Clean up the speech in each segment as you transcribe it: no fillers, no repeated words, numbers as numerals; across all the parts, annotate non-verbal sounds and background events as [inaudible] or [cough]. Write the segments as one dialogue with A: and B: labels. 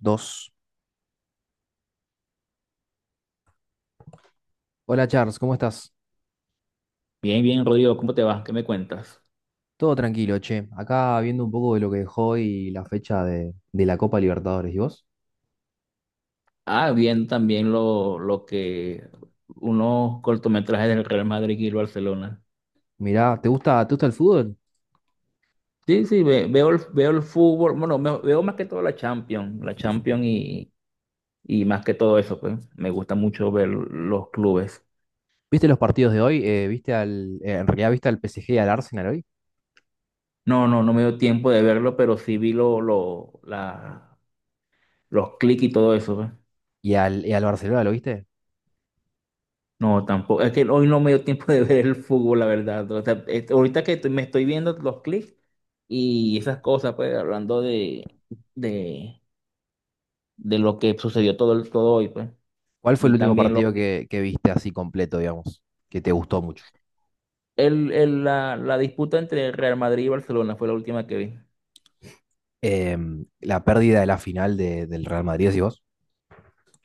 A: Dos. Hola Charles, ¿cómo estás?
B: Bien, bien, Rodrigo, ¿cómo te va? ¿Qué me cuentas?
A: Todo tranquilo, che. Acá viendo un poco de lo que dejó y la fecha de la Copa Libertadores. ¿Y vos?
B: Ah, bien, también lo que unos cortometrajes del Real Madrid y el Barcelona.
A: Mirá, ¿te gusta el fútbol?
B: Sí, sí, veo, veo el fútbol, bueno, veo más que todo la Champions, y más que todo eso, pues me gusta mucho ver los clubes.
A: ¿Viste los partidos de hoy? ¿Viste en realidad viste al PSG y al Arsenal hoy?
B: No, no, no me dio tiempo de verlo, pero sí vi los clics y todo eso, pues.
A: ¿Y al Barcelona, lo viste?
B: No, tampoco. Es que hoy no me dio tiempo de ver el fútbol, la verdad. O sea, este, ahorita que me estoy viendo los clips y esas cosas, pues, hablando de, de lo que sucedió todo, todo hoy, pues.
A: ¿Cuál fue el
B: Vi
A: último
B: también lo
A: partido
B: que,
A: que viste así completo, digamos? Que te gustó mucho.
B: la disputa entre Real Madrid y Barcelona fue la última que vi.
A: La pérdida de la final del Real Madrid, ¿decís vos?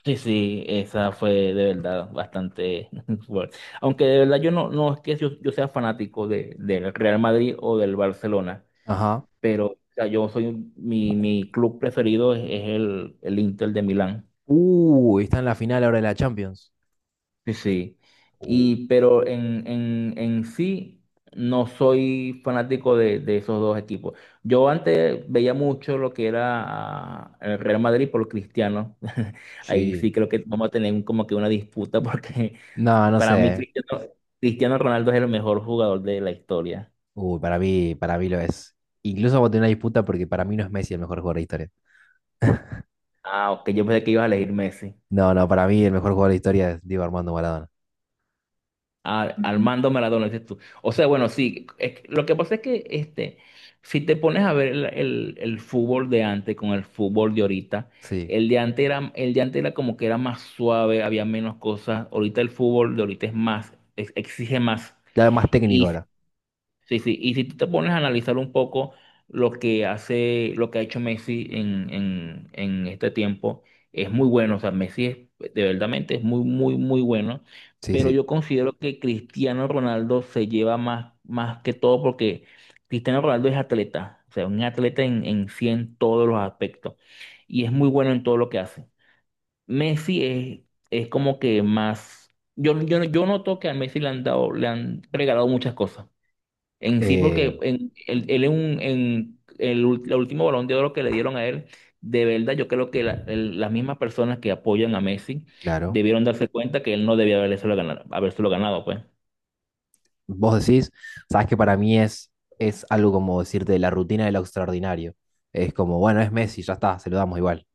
B: Sí, sí, esa fue de verdad bastante [laughs] fuerte. Aunque de verdad yo no, no es que yo sea fanático del Real Madrid o del Barcelona.
A: Ajá.
B: Pero o sea, yo soy, un- mi club preferido es el Inter de Milán.
A: Está en la final ahora de la Champions.
B: Sí, sí.
A: Uh,
B: Y, pero en sí no soy fanático de esos dos equipos. Yo antes veía mucho lo que era el Real Madrid por Cristiano. [laughs] Ahí
A: sí.
B: sí creo que vamos a tener como que una disputa porque
A: No,
B: [laughs]
A: no
B: para mí
A: sé.
B: Cristiano, Cristiano Ronaldo es el mejor jugador de la historia.
A: Uy, para mí lo es. Incluso vamos a tener una disputa porque para mí no es Messi el mejor jugador de la historia.
B: Ah, ok, yo pensé que ibas a elegir Messi.
A: No, no, para mí el mejor jugador de la historia es Diego Armando Maradona.
B: Armando Maradona, dices tú. O sea, bueno, sí, lo que pasa es que este, si te pones a ver el fútbol de antes con el fútbol de ahorita,
A: Sí.
B: el de antes era como que era más suave, había menos cosas. Ahorita el fútbol de ahorita es más, exige más.
A: Claro, más técnico ahora.
B: Sí, sí. Y si tú te pones a analizar un poco lo que hace, lo que ha hecho Messi en este tiempo, es muy bueno. O sea, Messi es, de verdaderamente es muy, muy, muy bueno.
A: Sí,
B: Pero
A: sí.
B: yo considero que Cristiano Ronaldo se lleva más, más que todo porque Cristiano Ronaldo es atleta. O sea, un atleta en sí en todos los aspectos. Y es muy bueno en todo lo que hace. Messi es como que más. Yo noto que a Messi le han dado, le han regalado muchas cosas. En sí,
A: Eh,
B: porque en, él en, un- en el último Balón de Oro que le dieron a él, de verdad, yo creo que las mismas personas que apoyan a Messi
A: claro.
B: debieron darse cuenta que él no debía habérselo ganado, pues.
A: Vos decís, sabes que para mí es algo como decirte la rutina de lo extraordinario. Es como, bueno, es Messi, ya está, se lo damos igual.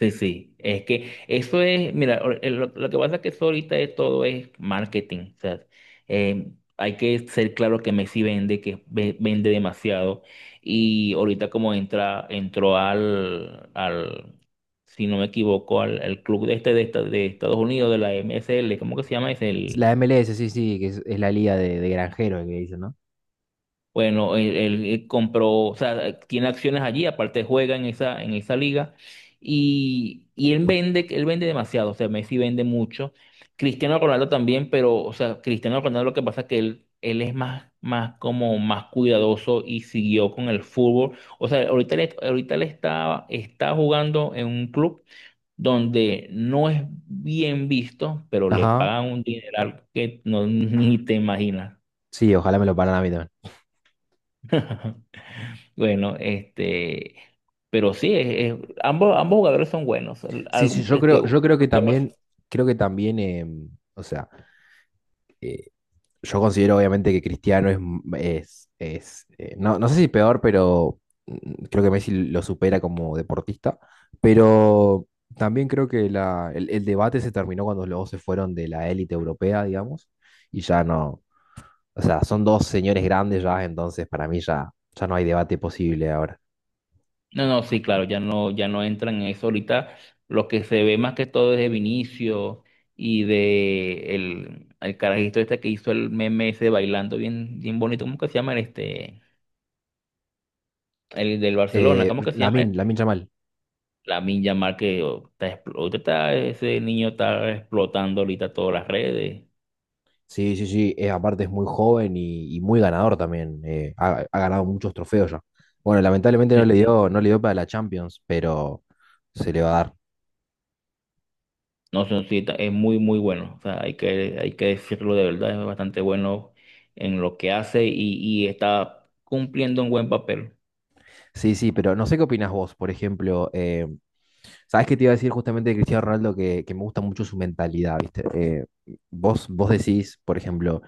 B: Sí, sí, es que eso es, mira, lo que pasa es que eso ahorita es todo es marketing, o sea, hay que ser claro que Messi vende, vende demasiado, y ahorita como entra, entró al, si no me equivoco, al club de este de Estados Unidos, de la MSL, ¿cómo que se llama? Es
A: La
B: el...
A: MLS, sí, sí, que es la liga de granjeros que dicen, ¿no?
B: Bueno, él compró, o sea, tiene acciones allí, aparte juega en esa liga y él vende demasiado, o sea, Messi vende mucho, Cristiano Ronaldo también, pero, o sea, Cristiano Ronaldo lo que pasa es que él es más, más como más cuidadoso y siguió con el fútbol, o sea, ahorita él está, está jugando en un club donde no es bien visto, pero le
A: Ajá.
B: pagan un dineral que no, [laughs] ni te imaginas.
A: Sí, ojalá me lo paran a mí también.
B: [laughs] Bueno, este, pero sí, ambos jugadores son buenos.
A: Sí, sí, yo creo, yo creo que también, creo que también, o sea eh, yo considero obviamente que Cristiano es, no, no sé si peor, pero creo que Messi lo supera como deportista, pero también creo que el debate se terminó cuando los dos se fueron de la élite europea, digamos, y ya no, o sea, son dos señores grandes ya, entonces para mí ya, ya no hay debate posible ahora.
B: No, no, sí, claro, ya no, ya no entran en eso. Ahorita lo que se ve más que todo es de Vinicio y de el carajito este que hizo el meme ese bailando bien, bien bonito. ¿Cómo que se llama el este? El del Barcelona,
A: Eh,
B: ¿cómo que se llama?
A: Lamine, Lamine Yamal.
B: La Yamal que oh, está, expl- ahorita está- ese niño está explotando ahorita todas las redes.
A: Sí, sí, sí. Aparte es muy joven y muy ganador también. Ha ganado muchos trofeos ya. Bueno, lamentablemente
B: Sí,
A: no le
B: sí.
A: dio, no le dio para la Champions, pero se le va a dar.
B: No, son, sí, es muy, muy bueno. O sea, hay que decirlo de verdad, es bastante bueno en lo que hace y está cumpliendo un buen papel.
A: Sí, sí, pero no sé qué opinás vos, por ejemplo. ¿Sabés qué te iba a decir justamente de Cristiano Ronaldo? Que me gusta mucho su mentalidad, ¿viste? Vos decís, por ejemplo,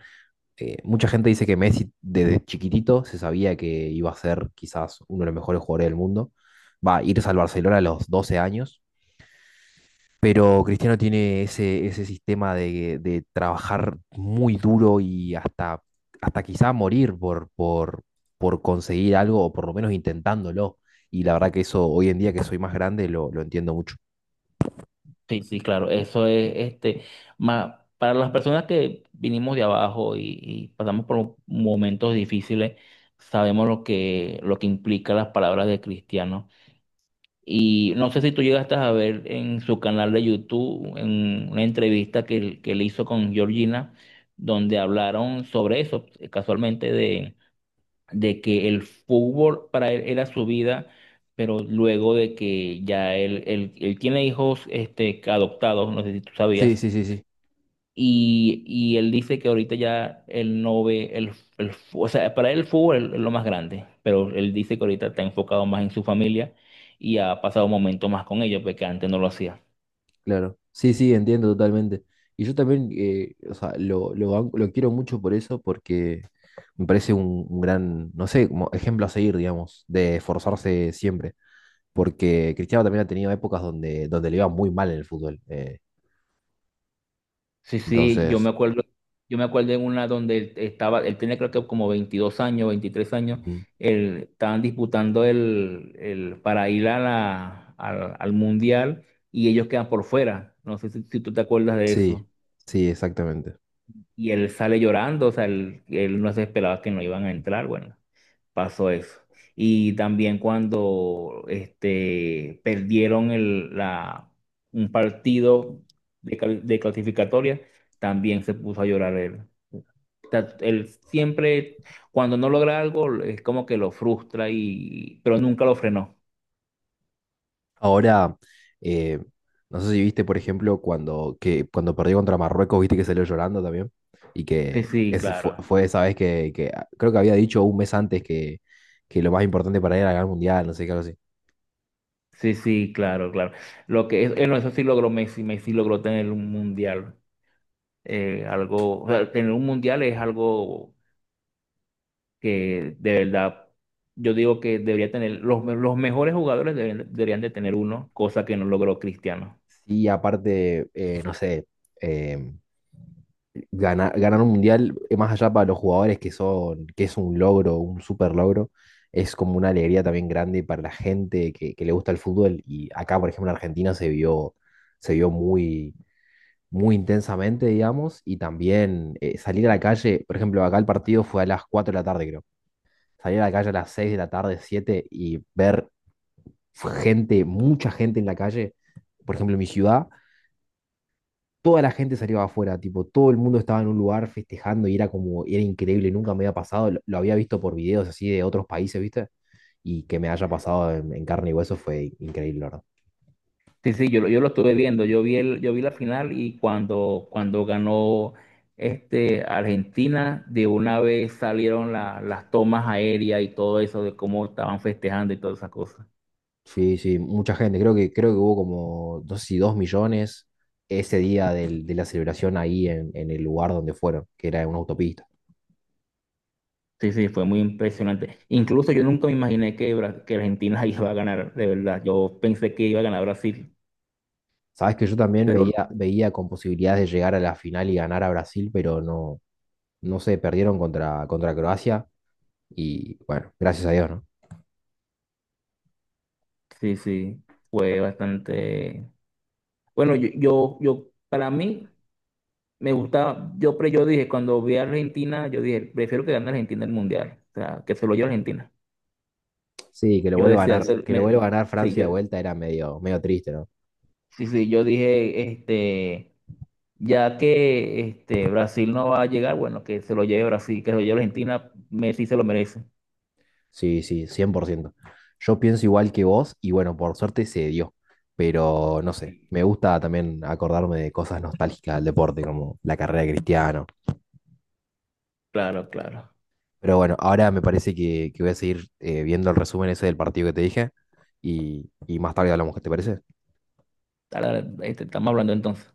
A: mucha gente dice que Messi desde chiquitito se sabía que iba a ser quizás uno de los mejores jugadores del mundo. Va a irse al Barcelona a los 12 años. Pero Cristiano tiene ese sistema de trabajar muy duro y hasta, hasta quizá morir por conseguir algo o por lo menos intentándolo. Y la verdad que eso hoy en día que soy más grande lo entiendo mucho.
B: Sí, sí, claro, eso es este. Más, para las personas que vinimos de abajo y pasamos por momentos difíciles, sabemos lo que implica las palabras de cristiano. Y no sé si tú llegaste a ver en su canal de YouTube en una entrevista que, que él hizo con Georgina, donde hablaron sobre eso, casualmente, de que el fútbol para él era su vida, pero luego de que ya él tiene hijos este, adoptados, no sé si tú
A: Sí,
B: sabías.
A: sí, sí, sí,
B: Y él dice que ahorita ya él no ve o sea, para él el fútbol es lo más grande, pero él dice que ahorita está enfocado más en su familia y ha pasado momentos más con ellos, porque antes no lo hacía.
A: claro. Sí, sí, entiendo totalmente. Y yo también, o sea, lo quiero mucho por eso porque me parece un gran, no sé, como ejemplo a seguir, digamos, de esforzarse siempre. Porque Cristiano también ha tenido épocas donde, donde le iba muy mal en el fútbol.
B: Sí, sí,
A: Entonces,
B: yo me acuerdo en una donde él estaba, él tenía creo que como 22 años, 23 años,
A: ujú,
B: él, estaban disputando el para ir a al mundial y ellos quedan por fuera. No sé si, si tú te acuerdas de
A: sí,
B: eso.
A: sí, exactamente.
B: Y él sale llorando, o sea, él no se esperaba que no iban a entrar, bueno, pasó eso. Y también cuando este, perdieron un partido de, de clasificatoria, también se puso a llorar él. O sea, él siempre, cuando no logra algo, es como que lo frustra y, pero nunca lo frenó.
A: Ahora, eh, no sé si viste, por ejemplo, cuando, que, cuando perdió contra Marruecos, viste que salió llorando también. Y
B: Sí,
A: que
B: sí,
A: ese fue,
B: claro.
A: fue esa vez que creo que había dicho un mes antes que lo más importante para él era ganar el mundial, no sé qué, algo así.
B: Sí, sí, claro, claro. Lo que es, no, eso sí logró Messi, Messi logró tener un mundial. Eh, algo, o sea, tener un mundial es algo que de verdad yo digo que debería tener, los mejores jugadores deberían, deberían de tener uno, cosa que no logró Cristiano.
A: Sí, aparte, no sé, eh, ganar un mundial, más allá para los jugadores que son, que es un logro, un super logro, es como una alegría también grande para la gente que le gusta el fútbol. Y acá, por ejemplo, en Argentina se vio muy, muy intensamente, digamos, y también salir a la calle, por ejemplo, acá el partido fue a las 4 de la tarde, creo. Salir a la calle a las 6 de la tarde, 7 y ver gente, mucha gente en la calle, por ejemplo, en mi ciudad toda la gente salió afuera, tipo, todo el mundo estaba en un lugar festejando y era como, era increíble, nunca me había pasado, lo había visto por videos así de otros países, ¿viste? Y que me haya pasado en carne y hueso fue increíble, la verdad.
B: Sí, sí, yo, yo lo estuve viendo, yo vi el, yo vi la final y cuando, cuando ganó este Argentina, de una vez salieron las tomas aéreas y todo eso de cómo estaban festejando y todas esas cosas.
A: Sí, sí, mucha gente, creo que hubo como, no sé si 2 millones ese día de la celebración ahí en el lugar donde fueron, que era en una autopista.
B: Sí, sí, fue muy impresionante. Incluso yo nunca me imaginé que, que Argentina [laughs] iba a ganar, de verdad. Yo pensé que iba a ganar Brasil.
A: Sabes que yo también
B: Pero no,
A: veía, veía con posibilidades de llegar a la final y ganar a Brasil, pero no, no sé, perdieron contra, contra Croacia y bueno, gracias a Dios, ¿no?
B: sí, sí, fue bastante. Bueno, yo, para mí, me gustaba, yo, yo dije, cuando vi a Argentina, yo dije, prefiero que gane Argentina el Mundial, o sea, que se lo lleve Argentina.
A: Sí, que lo
B: Yo
A: vuelva a
B: decía,
A: ganar,
B: sí, eso,
A: que lo vuelva a ganar
B: sí,
A: Francia de
B: yo,
A: vuelta era medio, medio triste, ¿no?
B: sí, yo dije, este, ya que este, Brasil no va a llegar, bueno, que se lo lleve Brasil, que se lo lleve Argentina, Messi se lo merece.
A: Sí, sí, 100%. Yo pienso igual que vos y bueno, por suerte se dio, pero no sé,
B: Sí,
A: me gusta también acordarme de cosas nostálgicas del deporte, como la carrera de Cristiano.
B: claro, claro.
A: Pero bueno, ahora me parece que voy a seguir viendo el resumen ese del partido que te dije y más tarde hablamos, ¿qué te parece?
B: Ahora, este, estamos hablando entonces.